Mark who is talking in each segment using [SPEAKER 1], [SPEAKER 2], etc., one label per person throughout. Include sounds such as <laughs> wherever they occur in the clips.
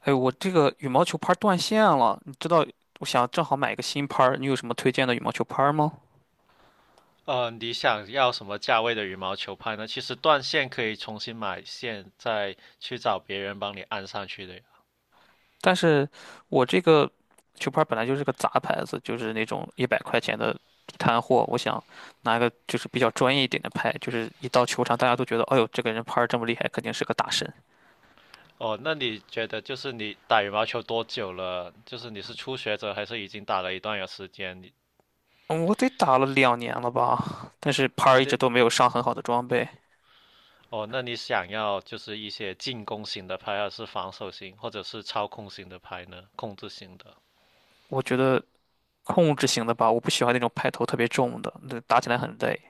[SPEAKER 1] 哎，我这个羽毛球拍儿断线了，你知道，我想正好买一个新拍儿，你有什么推荐的羽毛球拍儿吗？
[SPEAKER 2] 你想要什么价位的羽毛球拍呢？其实断线可以重新买线，再去找别人帮你安上去的呀。
[SPEAKER 1] 但是我这个球拍儿本来就是个杂牌子，就是那种100块钱的地摊货，我想拿个就是比较专业一点的拍，就是一到球场大家都觉得，哎呦，这个人拍儿这么厉害，肯定是个大神。
[SPEAKER 2] 哦，那你觉得就是你打羽毛球多久了？就是你是初学者还是已经打了一段有时间？你
[SPEAKER 1] 嗯我得打了2年了吧，但是拍儿
[SPEAKER 2] 你
[SPEAKER 1] 一直
[SPEAKER 2] 得。
[SPEAKER 1] 都没有上很好的
[SPEAKER 2] 哦
[SPEAKER 1] 装备，
[SPEAKER 2] 哦，那你想要就是一些进攻型的拍，还是防守型，或者是操控型的拍呢？控制型的？
[SPEAKER 1] 我觉得控制型的吧，我不喜欢那种拍头特别重的，那打起来很累。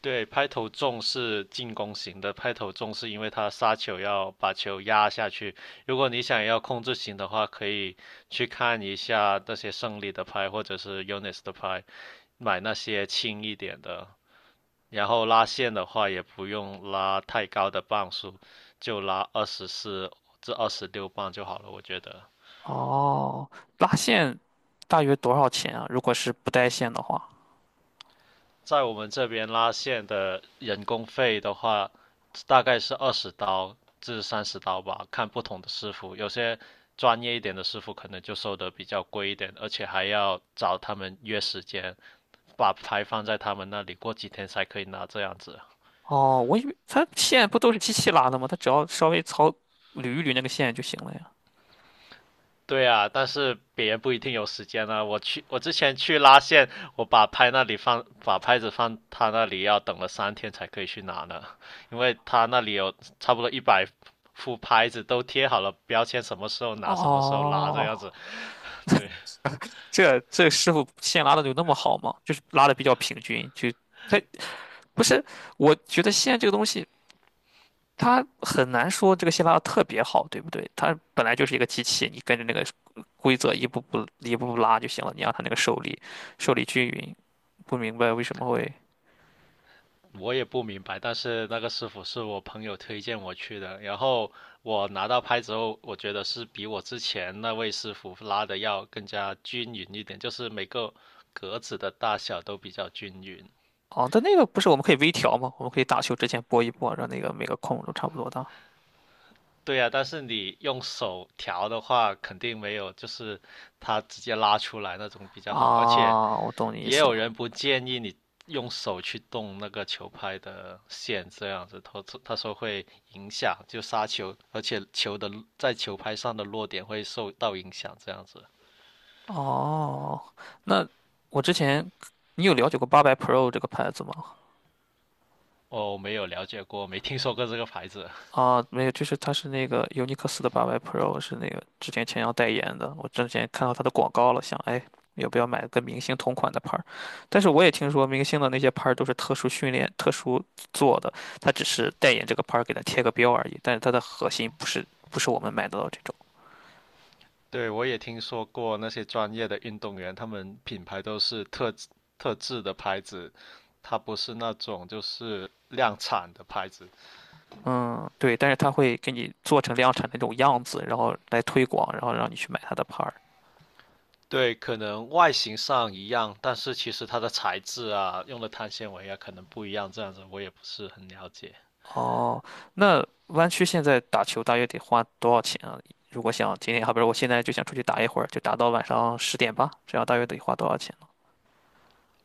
[SPEAKER 2] 对，拍头重是进攻型的，拍头重是因为他杀球要把球压下去。如果你想要控制型的话，可以去看一下那些胜利的拍或者是 Unis 的拍，买那些轻一点的。然后拉线的话，也不用拉太高的磅数，就拉24至26磅就好了，我觉得。
[SPEAKER 1] 哦，拉线大约多少钱啊？如果是不带线的话？
[SPEAKER 2] 在我们这边拉线的人工费的话，大概是20刀至30刀吧，看不同的师傅。有些专业一点的师傅可能就收的比较贵一点，而且还要找他们约时间，把牌放在他们那里，过几天才可以拿这样子。
[SPEAKER 1] 哦，我以为它线不都是机器拉的吗？它只要稍微操捋一捋那个线就行了呀。
[SPEAKER 2] 对啊，但是别人不一定有时间啊。我之前去拉线，我把拍那里放，把拍子放他那里，要等了3天才可以去拿呢，因为他那里有差不多100副拍子都贴好了标签，什么时候拿，什么时候拉这
[SPEAKER 1] 哦，
[SPEAKER 2] 样子。对。
[SPEAKER 1] 这师傅线拉的有那么好吗？就是拉的比较平均，就它不是，我觉得线这个东西它很难说这个线拉的特别好，对不对？它本来就是一个机器，你跟着那个规则一步步一步步拉就行了，你让它那个受力均匀。不明白为什么会。
[SPEAKER 2] 我也不明白，但是那个师傅是我朋友推荐我去的，然后我拿到拍子后，我觉得是比我之前那位师傅拉的要更加均匀一点，就是每个格子的大小都比较均匀。
[SPEAKER 1] 哦，但那个不是我们可以微调吗？我们可以打球之前拨一拨，让那个每个空都差不多大。
[SPEAKER 2] 对呀，但是你用手调的话，肯定没有就是它直接拉出来那种比较好。而且
[SPEAKER 1] 啊，我懂你意
[SPEAKER 2] 也
[SPEAKER 1] 思
[SPEAKER 2] 有
[SPEAKER 1] 了。
[SPEAKER 2] 人不建议你用手去动那个球拍的线，这样子，他说会影响就杀球，而且球的在球拍上的落点会受到影响，这样子。
[SPEAKER 1] 哦，那我之前你有了解过八百 Pro 这个牌子吗？
[SPEAKER 2] 哦，没有了解过，没听说过这个牌子。
[SPEAKER 1] 啊，没有，就是它是那个尤尼克斯的八百 Pro，是那个之前要代言的。我之前看到它的广告了，想哎，要不要买跟明星同款的牌儿？但是我也听说明星的那些牌儿都是特殊训练、特殊做的，它只是代言这个牌儿给它贴个标而已，但是它的核心不是我们买得到这种。
[SPEAKER 2] 对，我也听说过那些专业的运动员，他们品牌都是特制的牌子，它不是那种就是量产的牌子。
[SPEAKER 1] 嗯，对，但是他会给你做成量产的那种样子，然后来推广，然后让你去买他的牌儿。
[SPEAKER 2] 对，可能外形上一样，但是其实它的材质啊，用的碳纤维啊，可能不一样。这样子我也不是很了解。
[SPEAKER 1] 哦，那弯曲现在打球大约得花多少钱啊？如果想今天，好比如我现在就想出去打一会儿，就打到晚上10点吧，这样大约得花多少钱呢？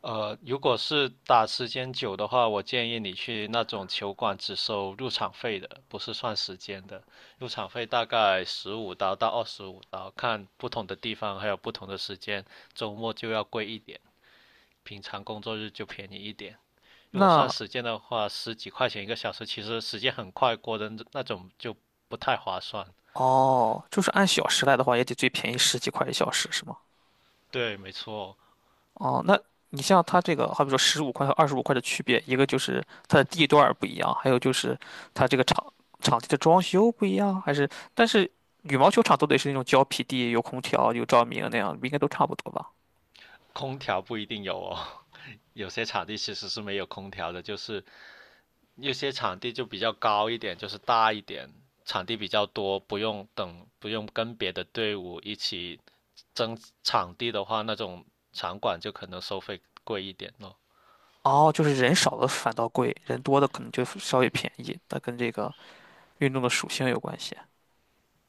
[SPEAKER 2] 如果是打时间久的话，我建议你去那种球馆只收入场费的，不是算时间的。入场费大概15刀到25刀，看不同的地方还有不同的时间，周末就要贵一点，平常工作日就便宜一点。如果算
[SPEAKER 1] 那
[SPEAKER 2] 时间的话，十几块钱一个小时，其实时间很快过的那种就不太划算。
[SPEAKER 1] 哦，就是按小时来的话，也得最便宜十几块一小时，是吗？
[SPEAKER 2] 对，没错，
[SPEAKER 1] 哦，那你像它这个，好比说十五块和25块的区别，一个就是它的地段儿不一样，还有就是它这个场地的装修不一样，还是但是羽毛球场都得是那种胶皮地，有空调、有照明那样，应该都差不多吧？
[SPEAKER 2] 空调不一定有哦，<laughs> 有些场地其实是没有空调的，就是有些场地就比较高一点，就是大一点，场地比较多，不用等，不用跟别的队伍一起争场地的话，那种场馆就可能收费贵一点咯。
[SPEAKER 1] 哦，就是人少的反倒贵，人多的可能就稍微便宜，它跟这个运动的属性有关系。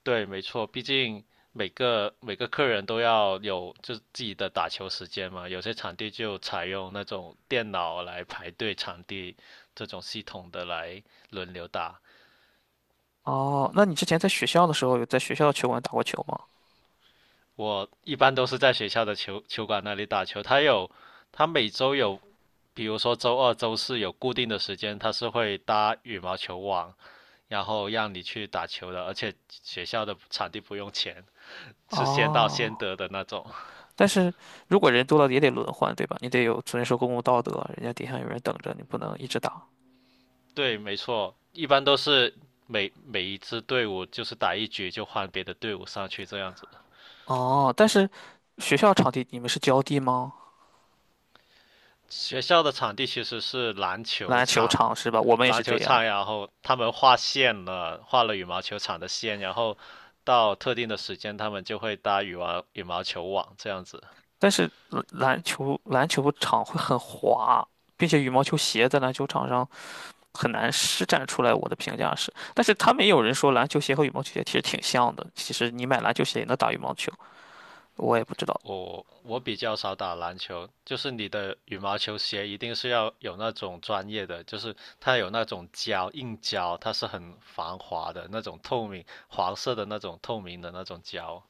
[SPEAKER 2] 对，没错，毕竟每个客人都要有就自己的打球时间嘛，有些场地就采用那种电脑来排队场地这种系统的来轮流打。
[SPEAKER 1] 哦，那你之前在学校的时候有在学校的球馆打过球吗？
[SPEAKER 2] 我一般都是在学校的球馆那里打球，它有它每周有比如说周二、周四有固定的时间，它是会搭羽毛球网，然后让你去打球的，而且学校的场地不用钱，是先到先
[SPEAKER 1] 哦。
[SPEAKER 2] 得的那种。
[SPEAKER 1] 但是如果人多了也得轮换，对吧？你得有遵守公共道德，人家底下有人等着，你不能一直打。
[SPEAKER 2] <laughs> 对，没错，一般都是每一支队伍就是打一局就换别的队伍上去这样子。
[SPEAKER 1] 哦，但是学校场地你们是浇地吗？
[SPEAKER 2] 学校的场地其实是篮球
[SPEAKER 1] 篮球
[SPEAKER 2] 场，
[SPEAKER 1] 场是吧？我们也
[SPEAKER 2] 篮
[SPEAKER 1] 是这
[SPEAKER 2] 球
[SPEAKER 1] 样，
[SPEAKER 2] 场，然后他们画线了，画了羽毛球场的线，然后到特定的时间他们就会搭羽毛球网这样子。
[SPEAKER 1] 但是篮球场会很滑，并且羽毛球鞋在篮球场上很难施展出来。我的评价是，但是他们也有人说篮球鞋和羽毛球鞋其实挺像的，其实你买篮球鞋也能打羽毛球，我也不知道。
[SPEAKER 2] 我比较少打篮球，就是你的羽毛球鞋一定是要有那种专业的，就是它有那种胶硬胶，它是很防滑的那种透明黄色的那种透明的那种胶。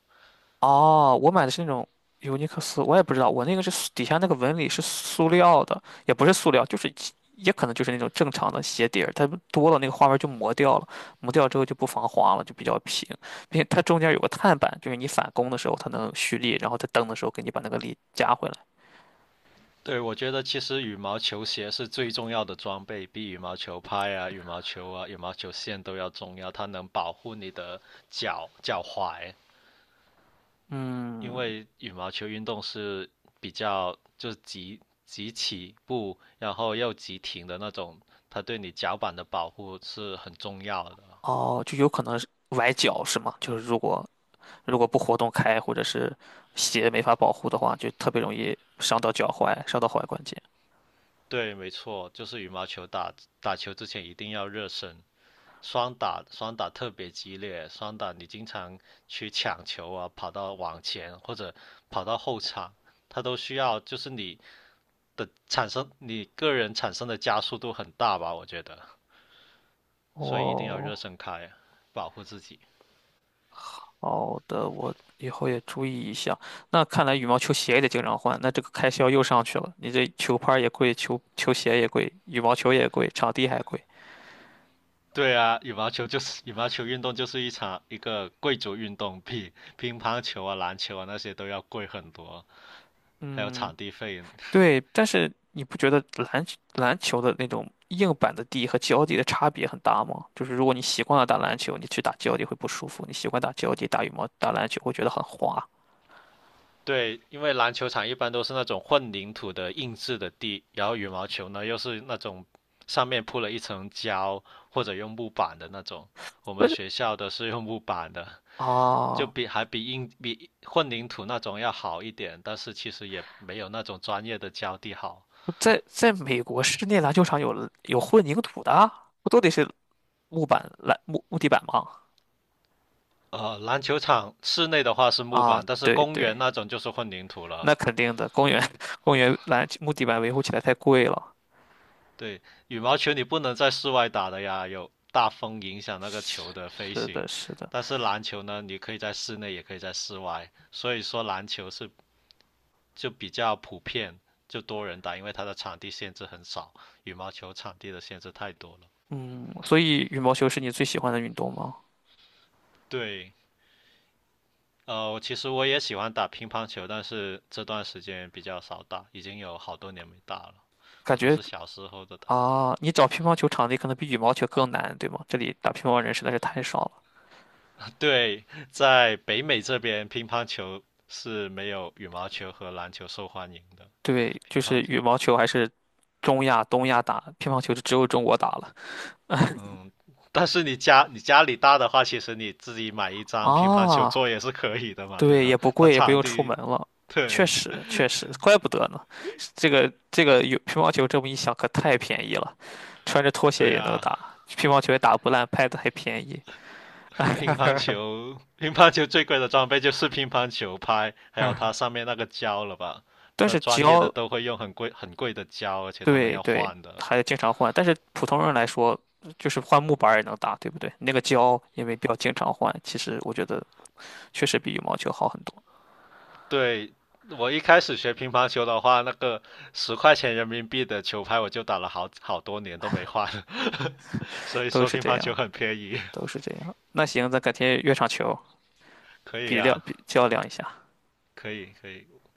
[SPEAKER 1] 哦，我买的是那种尤尼克斯，我也不知道，我那个是塑底下那个纹理是塑料的，也不是塑料，就是也可能就是那种正常的鞋底儿，它多了那个花纹就磨掉了，磨掉之后就不防滑了，就比较平，并且它中间有个碳板，就是你反弓的时候它能蓄力，然后在蹬的时候给你把那个力加回来。
[SPEAKER 2] 对，我觉得其实羽毛球鞋是最重要的装备，比羽毛球拍啊、羽毛球啊、羽毛球线都要重要，它能保护你的脚脚踝。因
[SPEAKER 1] 嗯，
[SPEAKER 2] 为羽毛球运动是比较就是急起步，然后又急停的那种，它对你脚板的保护是很重要的。
[SPEAKER 1] 哦，就有可能是崴脚是吗？就是如果不活动开，或者是鞋没法保护的话，就特别容易伤到脚踝，伤到踝关节。
[SPEAKER 2] 对，没错，就是羽毛球打球之前一定要热身，双打双打特别激烈，双打你经常去抢球啊，跑到网前或者跑到后场，它都需要就是你的产生你个人产生的加速度很大吧，我觉得，所以一定要热
[SPEAKER 1] 哦。
[SPEAKER 2] 身开，保护自己。
[SPEAKER 1] 好的，我以后也注意一下。那看来羽毛球鞋也得经常换，那这个开销又上去了。你这球拍儿也贵，球鞋也贵，羽毛球也贵，场地还贵。
[SPEAKER 2] 对啊，羽毛球就是羽毛球运动，就是一场一个贵族运动，比乒乓球啊、篮球啊那些都要贵很多，还有
[SPEAKER 1] 嗯，
[SPEAKER 2] 场地费。
[SPEAKER 1] 对。但是你不觉得篮球的那种硬板的地和胶地的差别很大吗？就是如果你习惯了打篮球，你去打胶地会不舒服；你习惯打胶地，打羽毛打篮球会觉得很滑。
[SPEAKER 2] 对，因为篮球场一般都是那种混凝土的硬质的地，然后羽毛球呢又是那种上面铺了一层胶或者用木板的那种。我
[SPEAKER 1] 不
[SPEAKER 2] 们
[SPEAKER 1] 是
[SPEAKER 2] 学校的是用木板的，就
[SPEAKER 1] 啊，
[SPEAKER 2] 比还比硬比混凝土那种要好一点，但是其实也没有那种专业的胶地好。
[SPEAKER 1] 在美国室内篮球场有混凝土的啊不都得是木地板吗？
[SPEAKER 2] 篮球场室内的话是木
[SPEAKER 1] 啊，
[SPEAKER 2] 板，但是
[SPEAKER 1] 对
[SPEAKER 2] 公
[SPEAKER 1] 对，
[SPEAKER 2] 园那种就是混凝土
[SPEAKER 1] 那
[SPEAKER 2] 了。
[SPEAKER 1] 肯定的，公园 <laughs> 公园篮木地板维护起来太贵了。
[SPEAKER 2] 对，羽毛球你不能在室外打的呀，有大风影响那个球的飞
[SPEAKER 1] 是
[SPEAKER 2] 行。
[SPEAKER 1] 的，是的，
[SPEAKER 2] 但是篮球呢，你可以在室内，也可以在室外，所以说篮球是就比较普遍，就多人打，因为它的场地限制很少，羽毛球场地的限制太多了。
[SPEAKER 1] 嗯，所以羽毛球是你最喜欢的运动吗？
[SPEAKER 2] 对，其实我也喜欢打乒乓球，但是这段时间比较少打，已经有好多年没打了，
[SPEAKER 1] 感
[SPEAKER 2] 我都
[SPEAKER 1] 觉
[SPEAKER 2] 是小时候的打。
[SPEAKER 1] 啊，你找乒乓球场地可能比羽毛球更难，对吗？这里打乒乓人实在是太少了。
[SPEAKER 2] 对，在北美这边，乒乓球是没有羽毛球和篮球受欢迎的。
[SPEAKER 1] 对，就
[SPEAKER 2] 乒乓
[SPEAKER 1] 是
[SPEAKER 2] 球，
[SPEAKER 1] 羽毛球还是中亚、东亚打，乒乓球就只有中国打了。<laughs>
[SPEAKER 2] 嗯，但是你家你家里大的话，其实你自己买一张乒乓球桌
[SPEAKER 1] 啊
[SPEAKER 2] 也是可以的嘛，对
[SPEAKER 1] 对，也
[SPEAKER 2] 吧？
[SPEAKER 1] 不
[SPEAKER 2] 它
[SPEAKER 1] 贵，也不
[SPEAKER 2] 场
[SPEAKER 1] 用出门
[SPEAKER 2] 地，
[SPEAKER 1] 了。确
[SPEAKER 2] 对。
[SPEAKER 1] 实，确实，怪不得呢。这个有乒乓球这么一想，可太便宜了，穿着拖鞋
[SPEAKER 2] 对
[SPEAKER 1] 也能
[SPEAKER 2] 啊，
[SPEAKER 1] 打，乒乓球也打不烂，拍子还便宜。
[SPEAKER 2] <laughs>
[SPEAKER 1] <laughs>
[SPEAKER 2] 乒乓球最贵的装备就是乒乓球拍，还有它上面那个胶了吧？
[SPEAKER 1] 但
[SPEAKER 2] 那
[SPEAKER 1] 是
[SPEAKER 2] 专业的
[SPEAKER 1] 胶，
[SPEAKER 2] 都会用很贵很贵的胶，而且他们
[SPEAKER 1] 对
[SPEAKER 2] 要
[SPEAKER 1] 对，
[SPEAKER 2] 换的。
[SPEAKER 1] 还经常换。但是普通人来说，就是换木板儿也能打，对不对？那个胶也没必要经常换，其实我觉得确实比羽毛球好很多，
[SPEAKER 2] 对，我一开始学乒乓球的话，那个10块钱人民币的球拍，我就打了好多年都没换，<laughs> 所以
[SPEAKER 1] 都
[SPEAKER 2] 说
[SPEAKER 1] 是
[SPEAKER 2] 乒
[SPEAKER 1] 这
[SPEAKER 2] 乓球
[SPEAKER 1] 样，
[SPEAKER 2] 很便宜，<laughs>
[SPEAKER 1] 都是这样。那行，咱改天约场球，
[SPEAKER 2] 可以啊，
[SPEAKER 1] 比较量一下。
[SPEAKER 2] 可以可以，